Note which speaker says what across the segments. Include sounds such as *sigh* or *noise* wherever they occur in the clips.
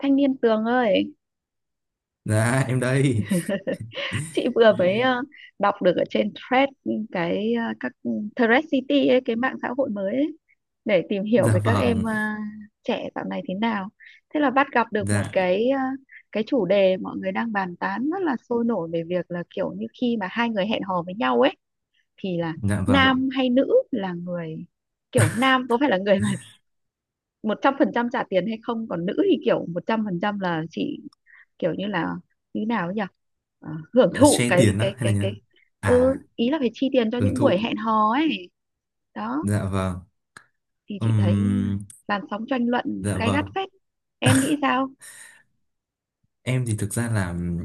Speaker 1: Thanh niên Tường ơi,
Speaker 2: Dạ em đây. *laughs*
Speaker 1: chị vừa mới đọc được ở trên thread các thread city ấy, cái mạng xã hội mới ấy, để tìm hiểu
Speaker 2: Dạ
Speaker 1: về các em
Speaker 2: vâng.
Speaker 1: trẻ dạo này thế nào. Thế là bắt gặp được một
Speaker 2: Dạ.
Speaker 1: cái chủ đề mọi người đang bàn tán rất là sôi nổi về việc là kiểu như khi mà hai người hẹn hò với nhau ấy thì là
Speaker 2: Dạ vâng.
Speaker 1: nam hay nữ là người, kiểu nam có phải là người mà một trăm phần trăm trả tiền hay không, còn nữ thì kiểu một trăm phần trăm là chỉ kiểu như là như nào ấy nhỉ? Hưởng
Speaker 2: Ờ,
Speaker 1: thụ
Speaker 2: Share tiền á hay là như nào? À,
Speaker 1: ý là phải chi tiền cho
Speaker 2: hưởng
Speaker 1: những buổi
Speaker 2: thụ.
Speaker 1: hẹn hò ấy đó,
Speaker 2: Dạ vâng.
Speaker 1: thì chị thấy
Speaker 2: Ừm,
Speaker 1: làn sóng tranh luận
Speaker 2: dạ
Speaker 1: gay gắt
Speaker 2: vâng.
Speaker 1: phết, em nghĩ sao?
Speaker 2: Em thì thực ra là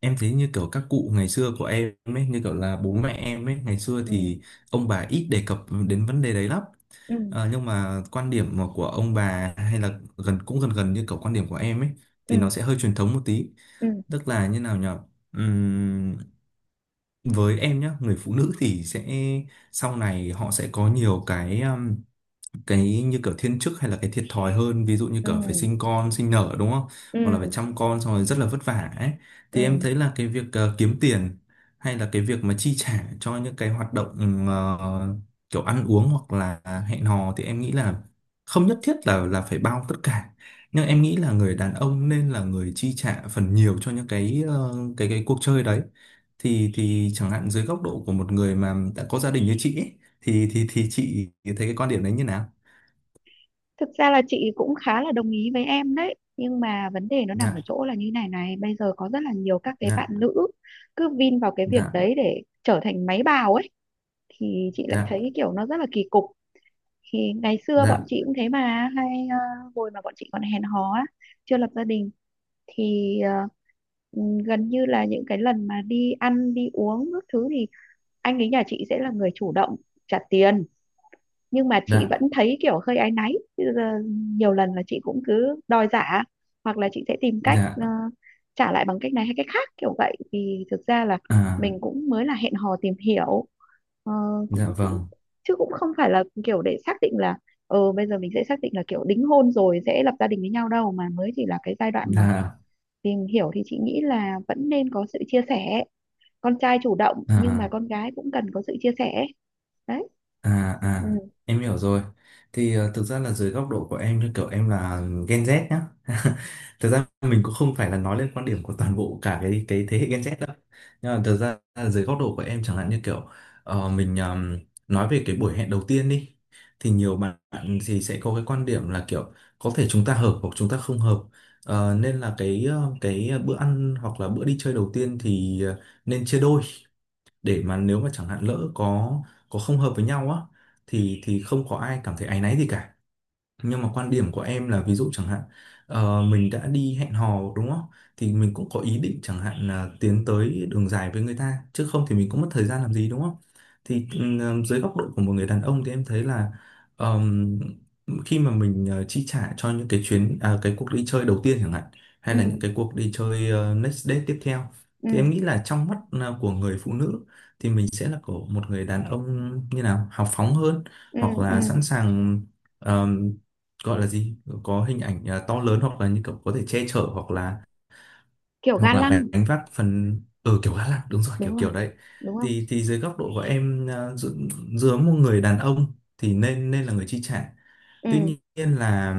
Speaker 2: em thấy như kiểu các cụ ngày xưa của em ấy, như kiểu là bố mẹ em ấy, ngày xưa
Speaker 1: Ừ.
Speaker 2: thì ông bà ít đề cập đến vấn đề đấy lắm.
Speaker 1: Ừ.
Speaker 2: Nhưng mà quan điểm mà của ông bà hay là gần cũng gần gần như kiểu quan điểm của em ấy
Speaker 1: Ừ.
Speaker 2: thì nó sẽ hơi truyền thống một tí.
Speaker 1: Ừ.
Speaker 2: Tức là như nào nhỉ? Với em nhá, người phụ nữ thì sẽ sau này họ sẽ có nhiều cái như kiểu thiên chức hay là cái thiệt thòi hơn, ví dụ như
Speaker 1: Ừ.
Speaker 2: kiểu phải sinh con sinh nở đúng không,
Speaker 1: Ừ.
Speaker 2: hoặc là phải chăm con xong rồi rất là vất vả ấy,
Speaker 1: Ừ.
Speaker 2: thì em thấy là cái việc kiếm tiền hay là cái việc mà chi trả cho những cái hoạt động kiểu ăn uống hoặc là hẹn hò thì em nghĩ là không nhất thiết là phải bao tất cả, nhưng em nghĩ là người đàn ông nên là người chi trả phần nhiều cho những cái cái cuộc chơi đấy. Thì chẳng hạn dưới góc độ của một người mà đã có gia đình như chị ấy, thì chị thấy cái quan điểm đấy như nào?
Speaker 1: Thực ra là chị cũng khá là đồng ý với em đấy, nhưng mà vấn đề nó nằm ở
Speaker 2: Dạ.
Speaker 1: chỗ là như này này, bây giờ có rất là nhiều các cái bạn
Speaker 2: Dạ.
Speaker 1: nữ cứ vin vào cái việc
Speaker 2: Dạ.
Speaker 1: đấy để trở thành máy bào ấy, thì chị lại
Speaker 2: Dạ.
Speaker 1: thấy kiểu nó rất là kỳ cục. Thì ngày xưa
Speaker 2: Dạ.
Speaker 1: bọn chị cũng thế mà, hay hồi mà bọn chị còn hẹn hò á, chưa lập gia đình thì gần như là những cái lần mà đi ăn đi uống các thứ thì anh ấy nhà chị sẽ là người chủ động trả tiền, nhưng mà chị
Speaker 2: Dạ.
Speaker 1: vẫn thấy kiểu hơi áy náy. Bây giờ nhiều lần là chị cũng cứ đòi giả, hoặc là chị sẽ tìm cách
Speaker 2: Dạ.
Speaker 1: trả lại bằng cách này hay cách khác kiểu vậy, vì thực ra là
Speaker 2: À.
Speaker 1: mình cũng mới là hẹn hò tìm hiểu. Ờ, cũng,
Speaker 2: Dạ
Speaker 1: cũng
Speaker 2: vâng.
Speaker 1: chứ cũng không phải là kiểu để xác định là, ờ bây giờ mình sẽ xác định là kiểu đính hôn rồi sẽ lập gia đình với nhau đâu, mà mới chỉ là cái giai đoạn mà
Speaker 2: Dạ.
Speaker 1: tìm hiểu, thì chị nghĩ là vẫn nên có sự chia sẻ, con trai chủ động nhưng mà
Speaker 2: À.
Speaker 1: con gái cũng cần có sự chia sẻ. Đấy.
Speaker 2: À
Speaker 1: Ừ.
Speaker 2: à, em hiểu rồi. Thì thực ra là dưới góc độ của em, như kiểu em là Gen Z nhá, *laughs* thực ra mình cũng không phải là nói lên quan điểm của toàn bộ cả cái thế hệ Gen Z đâu, nhưng mà thực ra là dưới góc độ của em chẳng hạn, như kiểu mình nói về cái buổi hẹn đầu tiên đi, thì nhiều bạn thì sẽ có cái quan điểm là kiểu có thể chúng ta hợp hoặc chúng ta không hợp. Nên là cái bữa ăn hoặc là bữa đi chơi đầu tiên thì nên chia đôi, để mà nếu mà chẳng hạn lỡ có không hợp với nhau á thì không có ai cảm thấy áy náy gì cả. Nhưng mà quan điểm của em là ví dụ chẳng hạn, mình đã đi hẹn hò đúng không, thì mình cũng có ý định chẳng hạn là tiến tới đường dài với người ta, chứ không thì mình cũng mất thời gian làm gì đúng không. Thì dưới góc độ của một người đàn ông thì em thấy là ờm, khi mà mình chi trả cho những cái cuộc đi chơi đầu tiên chẳng hạn,
Speaker 1: Ừ.
Speaker 2: hay là những cái cuộc đi chơi next date tiếp theo,
Speaker 1: Ừ.
Speaker 2: thì em nghĩ là trong mắt của người phụ nữ thì mình sẽ là của một người đàn ông như nào hào phóng hơn,
Speaker 1: Ừ.
Speaker 2: hoặc
Speaker 1: Ừ.
Speaker 2: là sẵn sàng, gọi là gì, có hình ảnh to lớn, hoặc là như kiểu có thể che chở,
Speaker 1: Kiểu
Speaker 2: hoặc
Speaker 1: ga lăng.
Speaker 2: là gánh vác phần ở kiểu Á Lạc, đúng rồi, kiểu
Speaker 1: Đúng rồi.
Speaker 2: kiểu đấy.
Speaker 1: Đúng không?
Speaker 2: Thì dưới góc độ của em giữa một người đàn ông thì nên nên là người chi trả. Tuy
Speaker 1: Ừ.
Speaker 2: nhiên là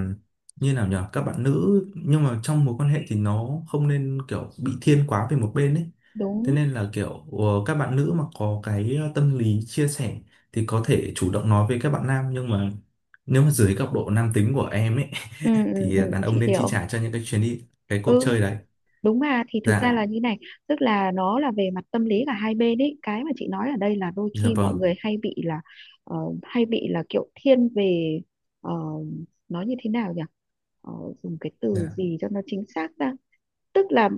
Speaker 2: như nào nhở, các bạn nữ nhưng mà trong mối quan hệ thì nó không nên kiểu bị thiên quá về một bên ấy. Thế
Speaker 1: Đúng.
Speaker 2: nên là kiểu các bạn nữ mà có tâm lý chia sẻ thì có thể chủ động nói với các bạn nam, nhưng mà nếu mà dưới góc độ nam tính của em ấy
Speaker 1: Ừ. Ừ.
Speaker 2: thì
Speaker 1: Ừ,
Speaker 2: đàn ông
Speaker 1: chị
Speaker 2: nên chi
Speaker 1: hiểu.
Speaker 2: trả cho những cái chuyến đi cái cuộc
Speaker 1: Ừ,
Speaker 2: chơi đấy.
Speaker 1: đúng mà. Thì thực ra
Speaker 2: Dạ.
Speaker 1: là như này, tức là nó là về mặt tâm lý cả hai bên ấy, cái mà chị nói ở đây là đôi
Speaker 2: Dạ
Speaker 1: khi mọi
Speaker 2: vâng.
Speaker 1: người hay bị là ờ, hay bị là kiểu thiên về, ờ, nói như thế nào nhỉ? Ờ, Dùng cái từ
Speaker 2: Dạ.
Speaker 1: gì cho nó chính xác ra, tức là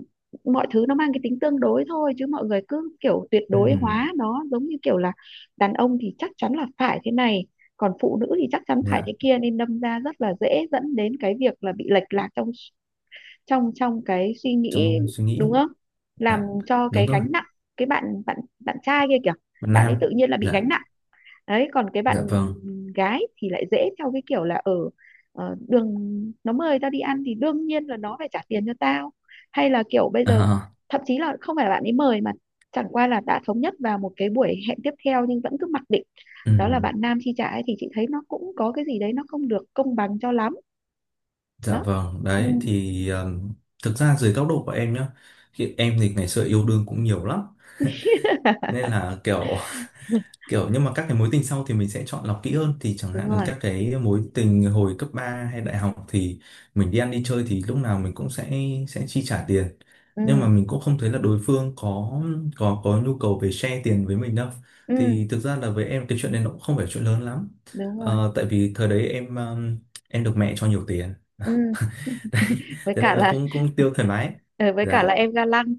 Speaker 1: mọi thứ nó mang cái tính tương đối thôi, chứ mọi người cứ kiểu tuyệt đối
Speaker 2: Ừm,
Speaker 1: hóa nó, giống như kiểu là đàn ông thì chắc chắn là phải thế này, còn phụ nữ thì chắc chắn phải
Speaker 2: dạ.
Speaker 1: thế kia, nên đâm ra rất là dễ dẫn đến cái việc là bị lệch lạc trong trong trong cái suy nghĩ,
Speaker 2: Trong suy
Speaker 1: đúng
Speaker 2: nghĩ.
Speaker 1: không? Làm
Speaker 2: Dạ
Speaker 1: cho
Speaker 2: đúng
Speaker 1: cái
Speaker 2: rồi.
Speaker 1: gánh nặng, cái bạn bạn bạn trai kia kìa,
Speaker 2: Bạn
Speaker 1: bạn ấy
Speaker 2: nam.
Speaker 1: tự nhiên là bị
Speaker 2: Dạ.
Speaker 1: gánh nặng. Đấy, còn cái bạn
Speaker 2: Dạ vâng.
Speaker 1: gái thì lại dễ theo cái kiểu là ở, đường nó mời tao đi ăn thì đương nhiên là nó phải trả tiền cho tao, hay là kiểu bây giờ
Speaker 2: À,
Speaker 1: thậm chí là không phải là bạn ấy mời, mà chẳng qua là đã thống nhất vào một cái buổi hẹn tiếp theo nhưng vẫn cứ mặc định đó là
Speaker 2: ừm,
Speaker 1: bạn nam chi trả ấy, thì chị thấy nó cũng có cái gì đấy nó không được công bằng cho lắm.
Speaker 2: dạ
Speaker 1: Đó.
Speaker 2: vâng.
Speaker 1: Ừ.
Speaker 2: Đấy thì thực ra dưới góc độ của em nhá, thì em thì ngày xưa yêu đương cũng nhiều lắm, nên
Speaker 1: *laughs*
Speaker 2: là kiểu kiểu, nhưng mà các cái mối tình sau thì mình sẽ chọn lọc kỹ hơn, thì chẳng
Speaker 1: Đúng
Speaker 2: hạn
Speaker 1: rồi.
Speaker 2: các cái mối tình hồi cấp 3 hay đại học thì mình đi ăn đi chơi thì lúc nào mình cũng sẽ chi trả tiền,
Speaker 1: Ừ.
Speaker 2: nhưng mà mình cũng không thấy là đối phương có nhu cầu về share tiền với mình đâu.
Speaker 1: Ừ.
Speaker 2: Thì thực ra là với em cái chuyện này nó cũng không phải chuyện lớn lắm.
Speaker 1: Đúng rồi.
Speaker 2: Tại vì thời đấy em được mẹ cho nhiều tiền.
Speaker 1: Ừ,
Speaker 2: *laughs* Đấy,
Speaker 1: với
Speaker 2: thế nên
Speaker 1: cả
Speaker 2: là
Speaker 1: là
Speaker 2: cũng cũng tiêu thoải mái. Dạ.
Speaker 1: em ga lăng.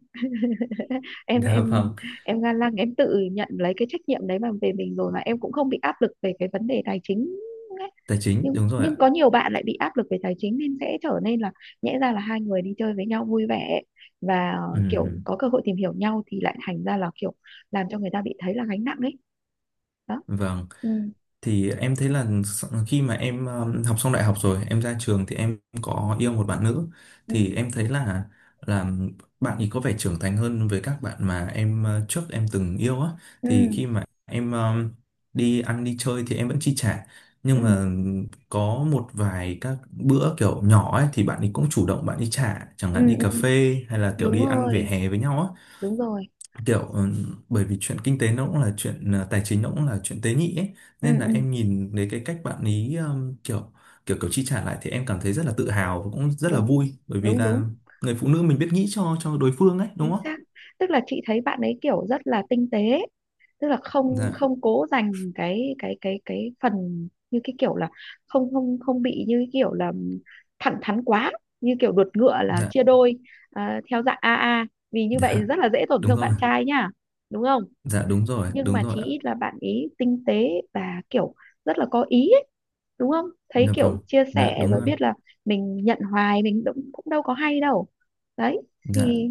Speaker 1: *laughs*
Speaker 2: *laughs*
Speaker 1: em
Speaker 2: Dạ vâng.
Speaker 1: em em ga lăng, em tự nhận lấy cái trách nhiệm đấy mà về mình rồi, mà em cũng không bị áp lực về cái vấn đề tài chính ấy.
Speaker 2: Tài chính
Speaker 1: nhưng
Speaker 2: đúng rồi
Speaker 1: nhưng
Speaker 2: ạ.
Speaker 1: có nhiều bạn lại bị áp lực về tài chính nên sẽ trở nên là, nhẽ ra là hai người đi chơi với nhau vui vẻ và
Speaker 2: Ừ,
Speaker 1: kiểu có cơ hội tìm hiểu nhau, thì lại thành ra là kiểu làm cho người ta bị thấy là gánh nặng ấy. Đó.
Speaker 2: vâng.
Speaker 1: Ừ.
Speaker 2: Thì em thấy là s- khi mà em học xong đại học rồi em ra trường thì em có yêu một bạn nữ,
Speaker 1: Ừ.
Speaker 2: thì em thấy là là bạn ấy có vẻ trưởng thành hơn với các bạn mà em trước em từng yêu á.
Speaker 1: Ừ.
Speaker 2: Thì khi mà em đi ăn đi chơi thì em vẫn chi trả, nhưng
Speaker 1: Ừ.
Speaker 2: mà có một vài các bữa kiểu nhỏ ấy thì bạn ấy cũng chủ động bạn ấy trả, chẳng
Speaker 1: Ừ.
Speaker 2: hạn đi cà
Speaker 1: Ừ.
Speaker 2: phê hay là kiểu
Speaker 1: Đúng
Speaker 2: đi ăn vỉa
Speaker 1: rồi.
Speaker 2: hè với nhau á,
Speaker 1: Đúng rồi.
Speaker 2: kiểu ừ, bởi vì chuyện kinh tế nó cũng là chuyện tài chính, nó cũng là chuyện tế nhị ấy,
Speaker 1: Ừ.
Speaker 2: nên là
Speaker 1: Ừ.
Speaker 2: em nhìn thấy cái cách bạn ý kiểu kiểu kiểu chi trả lại thì em cảm thấy rất là tự hào và cũng rất là
Speaker 1: Đúng.
Speaker 2: vui, bởi vì
Speaker 1: Đúng. Đúng.
Speaker 2: là người phụ nữ mình biết nghĩ cho đối phương ấy đúng
Speaker 1: Chính
Speaker 2: không?
Speaker 1: xác, tức là chị thấy bạn ấy kiểu rất là tinh tế, tức là không
Speaker 2: Dạ.
Speaker 1: không cố dành cái phần như cái kiểu là, không không không bị như cái kiểu là thẳng thắn quá, như kiểu đột ngựa là
Speaker 2: Dạ.
Speaker 1: chia đôi, à, theo dạng AA, vì như
Speaker 2: Dạ
Speaker 1: vậy rất là dễ tổn
Speaker 2: đúng
Speaker 1: thương
Speaker 2: rồi.
Speaker 1: bạn trai nhá, đúng không?
Speaker 2: Dạ đúng rồi,
Speaker 1: Nhưng
Speaker 2: đúng
Speaker 1: mà
Speaker 2: rồi
Speaker 1: chí
Speaker 2: ạ.
Speaker 1: ít là bạn ý tinh tế và kiểu rất là có ý ấy, đúng không, thấy
Speaker 2: Dạ vâng.
Speaker 1: kiểu chia
Speaker 2: Dạ
Speaker 1: sẻ
Speaker 2: đúng
Speaker 1: rồi
Speaker 2: rồi.
Speaker 1: biết là mình nhận hoài mình cũng cũng đâu có hay đâu. Đấy,
Speaker 2: Dạ.
Speaker 1: thì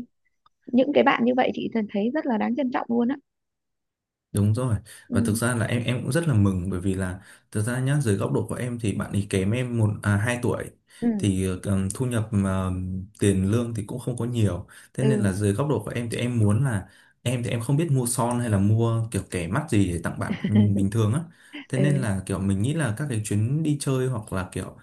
Speaker 1: những cái bạn như vậy chị thấy rất là đáng trân trọng luôn á.
Speaker 2: Đúng rồi. Và thực
Speaker 1: Ừ.
Speaker 2: ra là em cũng rất là mừng, bởi vì là thực ra nhá, dưới góc độ của em thì bạn ấy kém em một à, 2 tuổi,
Speaker 1: Ừ.
Speaker 2: thì thu nhập mà tiền lương thì cũng không có nhiều. Thế nên là
Speaker 1: Ừ.
Speaker 2: dưới góc độ của em thì em muốn là em thì em không biết mua son hay là mua kiểu kẻ mắt gì để tặng bạn bình thường á. Thế nên
Speaker 1: Ừ.
Speaker 2: là kiểu mình nghĩ là các cái chuyến đi chơi hoặc là kiểu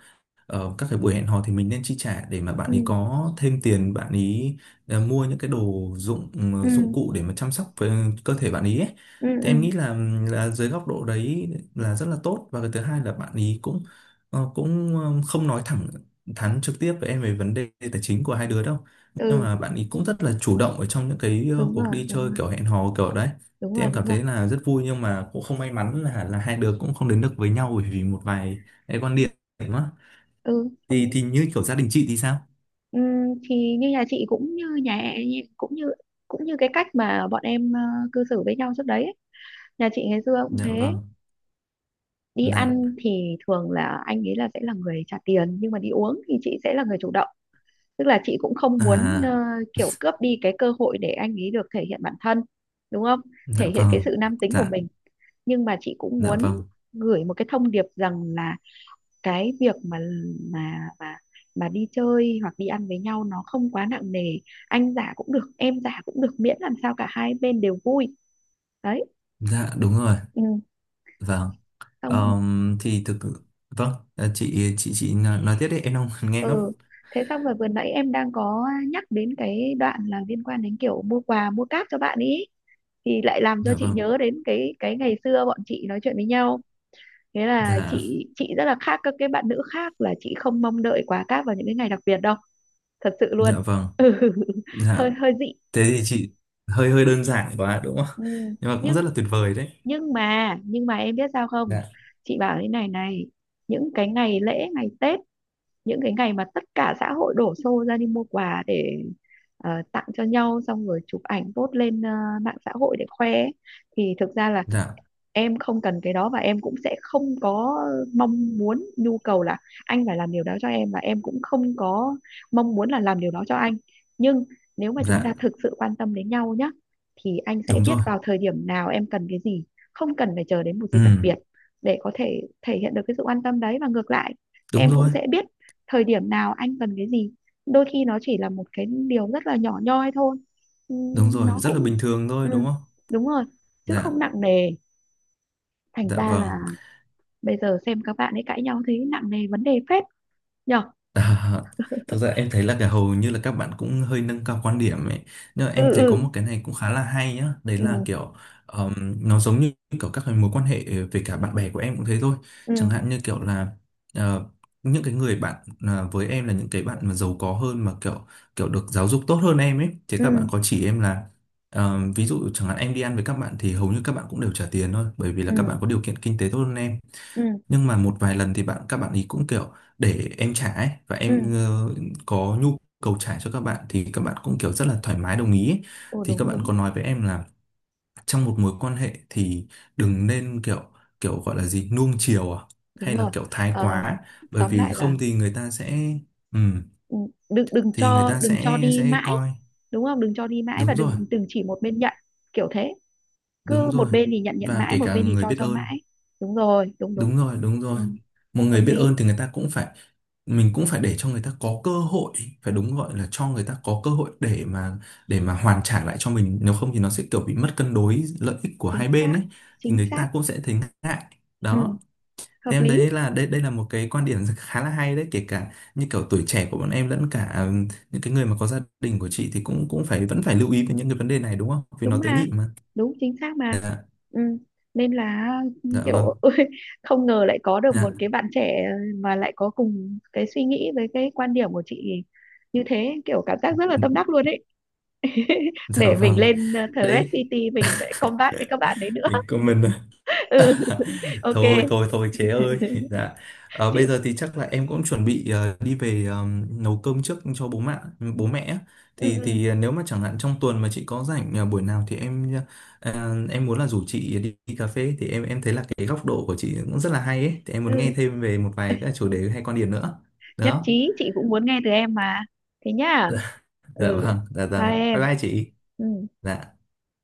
Speaker 2: Các cái buổi hẹn hò thì mình nên chi trả để mà bạn
Speaker 1: Ừ.
Speaker 2: ấy có thêm tiền, bạn ấy mua những cái đồ dụng ừ,
Speaker 1: Ừ.
Speaker 2: dụng cụ để mà chăm sóc với cơ thể bạn ấy ấy.
Speaker 1: Ừ.
Speaker 2: Thì
Speaker 1: Ừ.
Speaker 2: em nghĩ là dưới góc độ đấy là rất là tốt, và cái thứ hai là bạn ấy cũng không nói thẳng thắn trực tiếp với em về vấn đề tài chính của hai đứa đâu, nhưng
Speaker 1: Ừ.
Speaker 2: mà bạn ấy cũng rất là chủ động ở trong những
Speaker 1: Đúng
Speaker 2: cuộc
Speaker 1: rồi.
Speaker 2: đi
Speaker 1: Đúng
Speaker 2: chơi
Speaker 1: rồi.
Speaker 2: kiểu hẹn hò kiểu đấy.
Speaker 1: Đúng
Speaker 2: Thì
Speaker 1: rồi.
Speaker 2: em cảm
Speaker 1: Đúng rồi.
Speaker 2: thấy là rất vui, nhưng mà cũng không may mắn là hai đứa cũng không đến được với nhau bởi vì một vài cái quan điểm đó.
Speaker 1: Ừ,
Speaker 2: thì
Speaker 1: không.
Speaker 2: thì như kiểu gia đình chị thì sao?
Speaker 1: Ừ, thì như nhà chị cũng như cũng như cái cách mà bọn em cư xử với nhau trước đấy ấy. Nhà chị ngày xưa cũng
Speaker 2: Dạ
Speaker 1: thế,
Speaker 2: vâng.
Speaker 1: đi
Speaker 2: Dạ.
Speaker 1: ăn thì thường là anh ấy là sẽ là người trả tiền, nhưng mà đi uống thì chị sẽ là người chủ động, tức là chị cũng không muốn
Speaker 2: À.
Speaker 1: kiểu cướp đi cái cơ hội để anh ấy được thể hiện bản thân, đúng không, thể
Speaker 2: Dạ
Speaker 1: hiện
Speaker 2: vâng.
Speaker 1: cái sự nam tính của
Speaker 2: Dạ.
Speaker 1: mình. Nhưng mà chị cũng
Speaker 2: Dạ
Speaker 1: muốn
Speaker 2: vâng.
Speaker 1: gửi một cái thông điệp rằng là, cái việc mà mà mà đi chơi hoặc đi ăn với nhau nó không quá nặng nề, anh giả cũng được em giả cũng được, miễn làm sao cả hai bên đều vui. Đấy.
Speaker 2: Dạ đúng rồi.
Speaker 1: Ừ.
Speaker 2: Vâng.
Speaker 1: Xong.
Speaker 2: Thì thực vâng, chị chị nói tiếp đi, em đang *laughs* nghe nốt.
Speaker 1: Ừ, thế xong rồi vừa nãy em đang có nhắc đến cái đoạn là liên quan đến kiểu mua quà mua cáp cho bạn ý, thì lại làm cho
Speaker 2: Dạ
Speaker 1: chị
Speaker 2: vâng.
Speaker 1: nhớ đến cái ngày xưa bọn chị nói chuyện với nhau. Thế là
Speaker 2: Dạ.
Speaker 1: chị rất là khác các cái bạn nữ khác là chị không mong đợi quà cáp vào những cái ngày đặc biệt đâu, thật sự luôn,
Speaker 2: Dạ vâng.
Speaker 1: hơi
Speaker 2: Dạ.
Speaker 1: hơi dị.
Speaker 2: Thế thì chị hơi hơi đơn giản quá đúng không,
Speaker 1: Ừ.
Speaker 2: nhưng mà cũng rất
Speaker 1: nhưng
Speaker 2: là tuyệt vời đấy.
Speaker 1: nhưng mà em biết sao không,
Speaker 2: Dạ.
Speaker 1: chị bảo thế này này, những cái ngày lễ ngày Tết, những cái ngày mà tất cả xã hội đổ xô ra đi mua quà để tặng cho nhau, xong rồi chụp ảnh post lên mạng xã hội để khoe ấy, thì thực ra là
Speaker 2: Dạ.
Speaker 1: em không cần cái đó, và em cũng sẽ không có mong muốn nhu cầu là anh phải làm điều đó cho em, và em cũng không có mong muốn là làm điều đó cho anh. Nhưng nếu mà chúng ta
Speaker 2: Dạ
Speaker 1: thực sự quan tâm đến nhau nhá, thì anh sẽ
Speaker 2: đúng
Speaker 1: biết
Speaker 2: rồi.
Speaker 1: vào thời điểm nào em cần cái gì, không cần phải chờ đến một dịp
Speaker 2: Ừ
Speaker 1: đặc biệt để có thể thể hiện được cái sự quan tâm đấy, và ngược lại
Speaker 2: đúng
Speaker 1: em cũng
Speaker 2: rồi,
Speaker 1: sẽ biết thời điểm nào anh cần cái gì. Đôi khi nó chỉ là một cái điều rất là nhỏ nhoi thôi.
Speaker 2: đúng rồi,
Speaker 1: Nó
Speaker 2: rất
Speaker 1: cũng
Speaker 2: là bình thường thôi đúng
Speaker 1: ừ,
Speaker 2: không.
Speaker 1: đúng rồi, chứ không
Speaker 2: Dạ.
Speaker 1: nặng nề. Thành
Speaker 2: Dạ
Speaker 1: ra
Speaker 2: vâng.
Speaker 1: là bây giờ xem các bạn ấy cãi nhau thấy nặng nề vấn đề phết nhở.
Speaker 2: À, thực ra em thấy là cả hầu như là các bạn cũng hơi nâng cao quan điểm ấy,
Speaker 1: Ừ.
Speaker 2: nhưng mà
Speaker 1: Dạ.
Speaker 2: em
Speaker 1: Ừ,
Speaker 2: thấy có
Speaker 1: vâng.
Speaker 2: một cái này cũng khá là hay nhá, đấy
Speaker 1: Ừ.
Speaker 2: là kiểu ờm, nó giống như kiểu các cái mối quan hệ về cả bạn bè của em cũng thế thôi.
Speaker 1: Ừ.
Speaker 2: Chẳng hạn như kiểu là ờ, những cái người bạn, với em là những cái bạn mà giàu có hơn mà kiểu kiểu được giáo dục tốt hơn em ấy, thì các
Speaker 1: Ừ.
Speaker 2: bạn có chỉ em là ví dụ chẳng hạn em đi ăn với các bạn thì hầu như các bạn cũng đều trả tiền thôi, bởi vì là các
Speaker 1: Ừ.
Speaker 2: bạn có điều kiện kinh tế tốt hơn em,
Speaker 1: Ừ.
Speaker 2: nhưng mà một vài lần thì các bạn ý cũng kiểu để em trả ấy, và
Speaker 1: Ừ.
Speaker 2: em có nhu cầu trả cho các bạn thì các bạn cũng kiểu rất là thoải mái đồng ý ấy.
Speaker 1: Ừ.
Speaker 2: Thì các
Speaker 1: Đúng.
Speaker 2: bạn
Speaker 1: Đúng.
Speaker 2: có nói với em là trong một mối quan hệ thì đừng nên kiểu kiểu, gọi là gì, nuông chiều à
Speaker 1: Đúng
Speaker 2: hay là
Speaker 1: rồi.
Speaker 2: kiểu thái
Speaker 1: Ờ,
Speaker 2: quá, bởi
Speaker 1: Tóm
Speaker 2: vì
Speaker 1: lại là,
Speaker 2: không thì người ta sẽ ừ,
Speaker 1: ừ, đừng đừng
Speaker 2: thì người
Speaker 1: cho
Speaker 2: ta
Speaker 1: đừng cho
Speaker 2: sẽ
Speaker 1: đi
Speaker 2: sẽ
Speaker 1: mãi,
Speaker 2: coi
Speaker 1: đúng không, đừng cho đi mãi, và
Speaker 2: đúng rồi,
Speaker 1: đừng đừng chỉ một bên nhận, kiểu thế, cứ
Speaker 2: đúng
Speaker 1: một
Speaker 2: rồi,
Speaker 1: bên thì nhận nhận
Speaker 2: và
Speaker 1: mãi,
Speaker 2: kể
Speaker 1: một
Speaker 2: cả
Speaker 1: bên thì
Speaker 2: người biết
Speaker 1: cho
Speaker 2: ơn.
Speaker 1: mãi. Đúng rồi. Đúng. Đúng.
Speaker 2: Đúng rồi, đúng
Speaker 1: Ừ,
Speaker 2: rồi. Một người
Speaker 1: hợp
Speaker 2: biết
Speaker 1: lý.
Speaker 2: ơn thì người ta cũng phải, mình cũng phải để cho người ta có cơ hội, phải đúng, gọi là cho người ta có cơ hội để mà hoàn trả lại cho mình, nếu không thì nó sẽ kiểu bị mất cân đối lợi ích của
Speaker 1: Chính
Speaker 2: hai
Speaker 1: xác.
Speaker 2: bên ấy, thì
Speaker 1: Chính
Speaker 2: người
Speaker 1: xác.
Speaker 2: ta cũng sẽ thấy ngại.
Speaker 1: Ừ,
Speaker 2: Đó.
Speaker 1: hợp
Speaker 2: Thế em
Speaker 1: lý.
Speaker 2: thấy là đây đây là một cái quan điểm khá là hay đấy, kể cả như kiểu tuổi trẻ của bọn em lẫn cả những cái người mà có gia đình của chị thì cũng cũng phải vẫn phải lưu ý về những cái vấn đề này đúng không? Vì nó
Speaker 1: Đúng
Speaker 2: tế
Speaker 1: mà.
Speaker 2: nhị mà.
Speaker 1: Đúng, chính xác mà.
Speaker 2: Dạ,
Speaker 1: Ừ. Nên là, ừ,
Speaker 2: dạ
Speaker 1: kiểu
Speaker 2: vâng.
Speaker 1: *laughs* ôi, không ngờ lại có được một
Speaker 2: Dạ,
Speaker 1: cái bạn trẻ mà lại có cùng cái suy nghĩ với cái quan điểm của chị như thế, kiểu cảm giác rất là tâm đắc luôn ấy. *laughs*
Speaker 2: dạ
Speaker 1: Để mình
Speaker 2: vâng.
Speaker 1: lên Thread
Speaker 2: Đấy,
Speaker 1: City mình để combat với các bạn đấy nữa.
Speaker 2: mình comment.
Speaker 1: *laughs* Ừ, ok.
Speaker 2: Thôi thôi thôi chế ơi. *laughs* Dạ. Ờ,
Speaker 1: chị
Speaker 2: bây giờ
Speaker 1: phải-
Speaker 2: thì chắc là em cũng chuẩn bị đi về, nấu cơm trước cho bố mẹ á.
Speaker 1: ừ,
Speaker 2: thì
Speaker 1: ừ,
Speaker 2: thì nếu mà chẳng hạn trong tuần mà chị có rảnh buổi nào thì em em muốn là rủ chị đi cà phê. Thì em thấy là cái góc độ của chị cũng rất là hay ấy, thì em muốn nghe
Speaker 1: ừ.
Speaker 2: thêm về một vài các chủ đề hay quan điểm nữa.
Speaker 1: Nhất
Speaker 2: Đó.
Speaker 1: trí, chị cũng muốn nghe từ em mà, thế nhá.
Speaker 2: Dạ
Speaker 1: Ừ,
Speaker 2: vâng, dạ
Speaker 1: bye
Speaker 2: vâng, bye
Speaker 1: em.
Speaker 2: bye chị.
Speaker 1: Ừ.
Speaker 2: Dạ.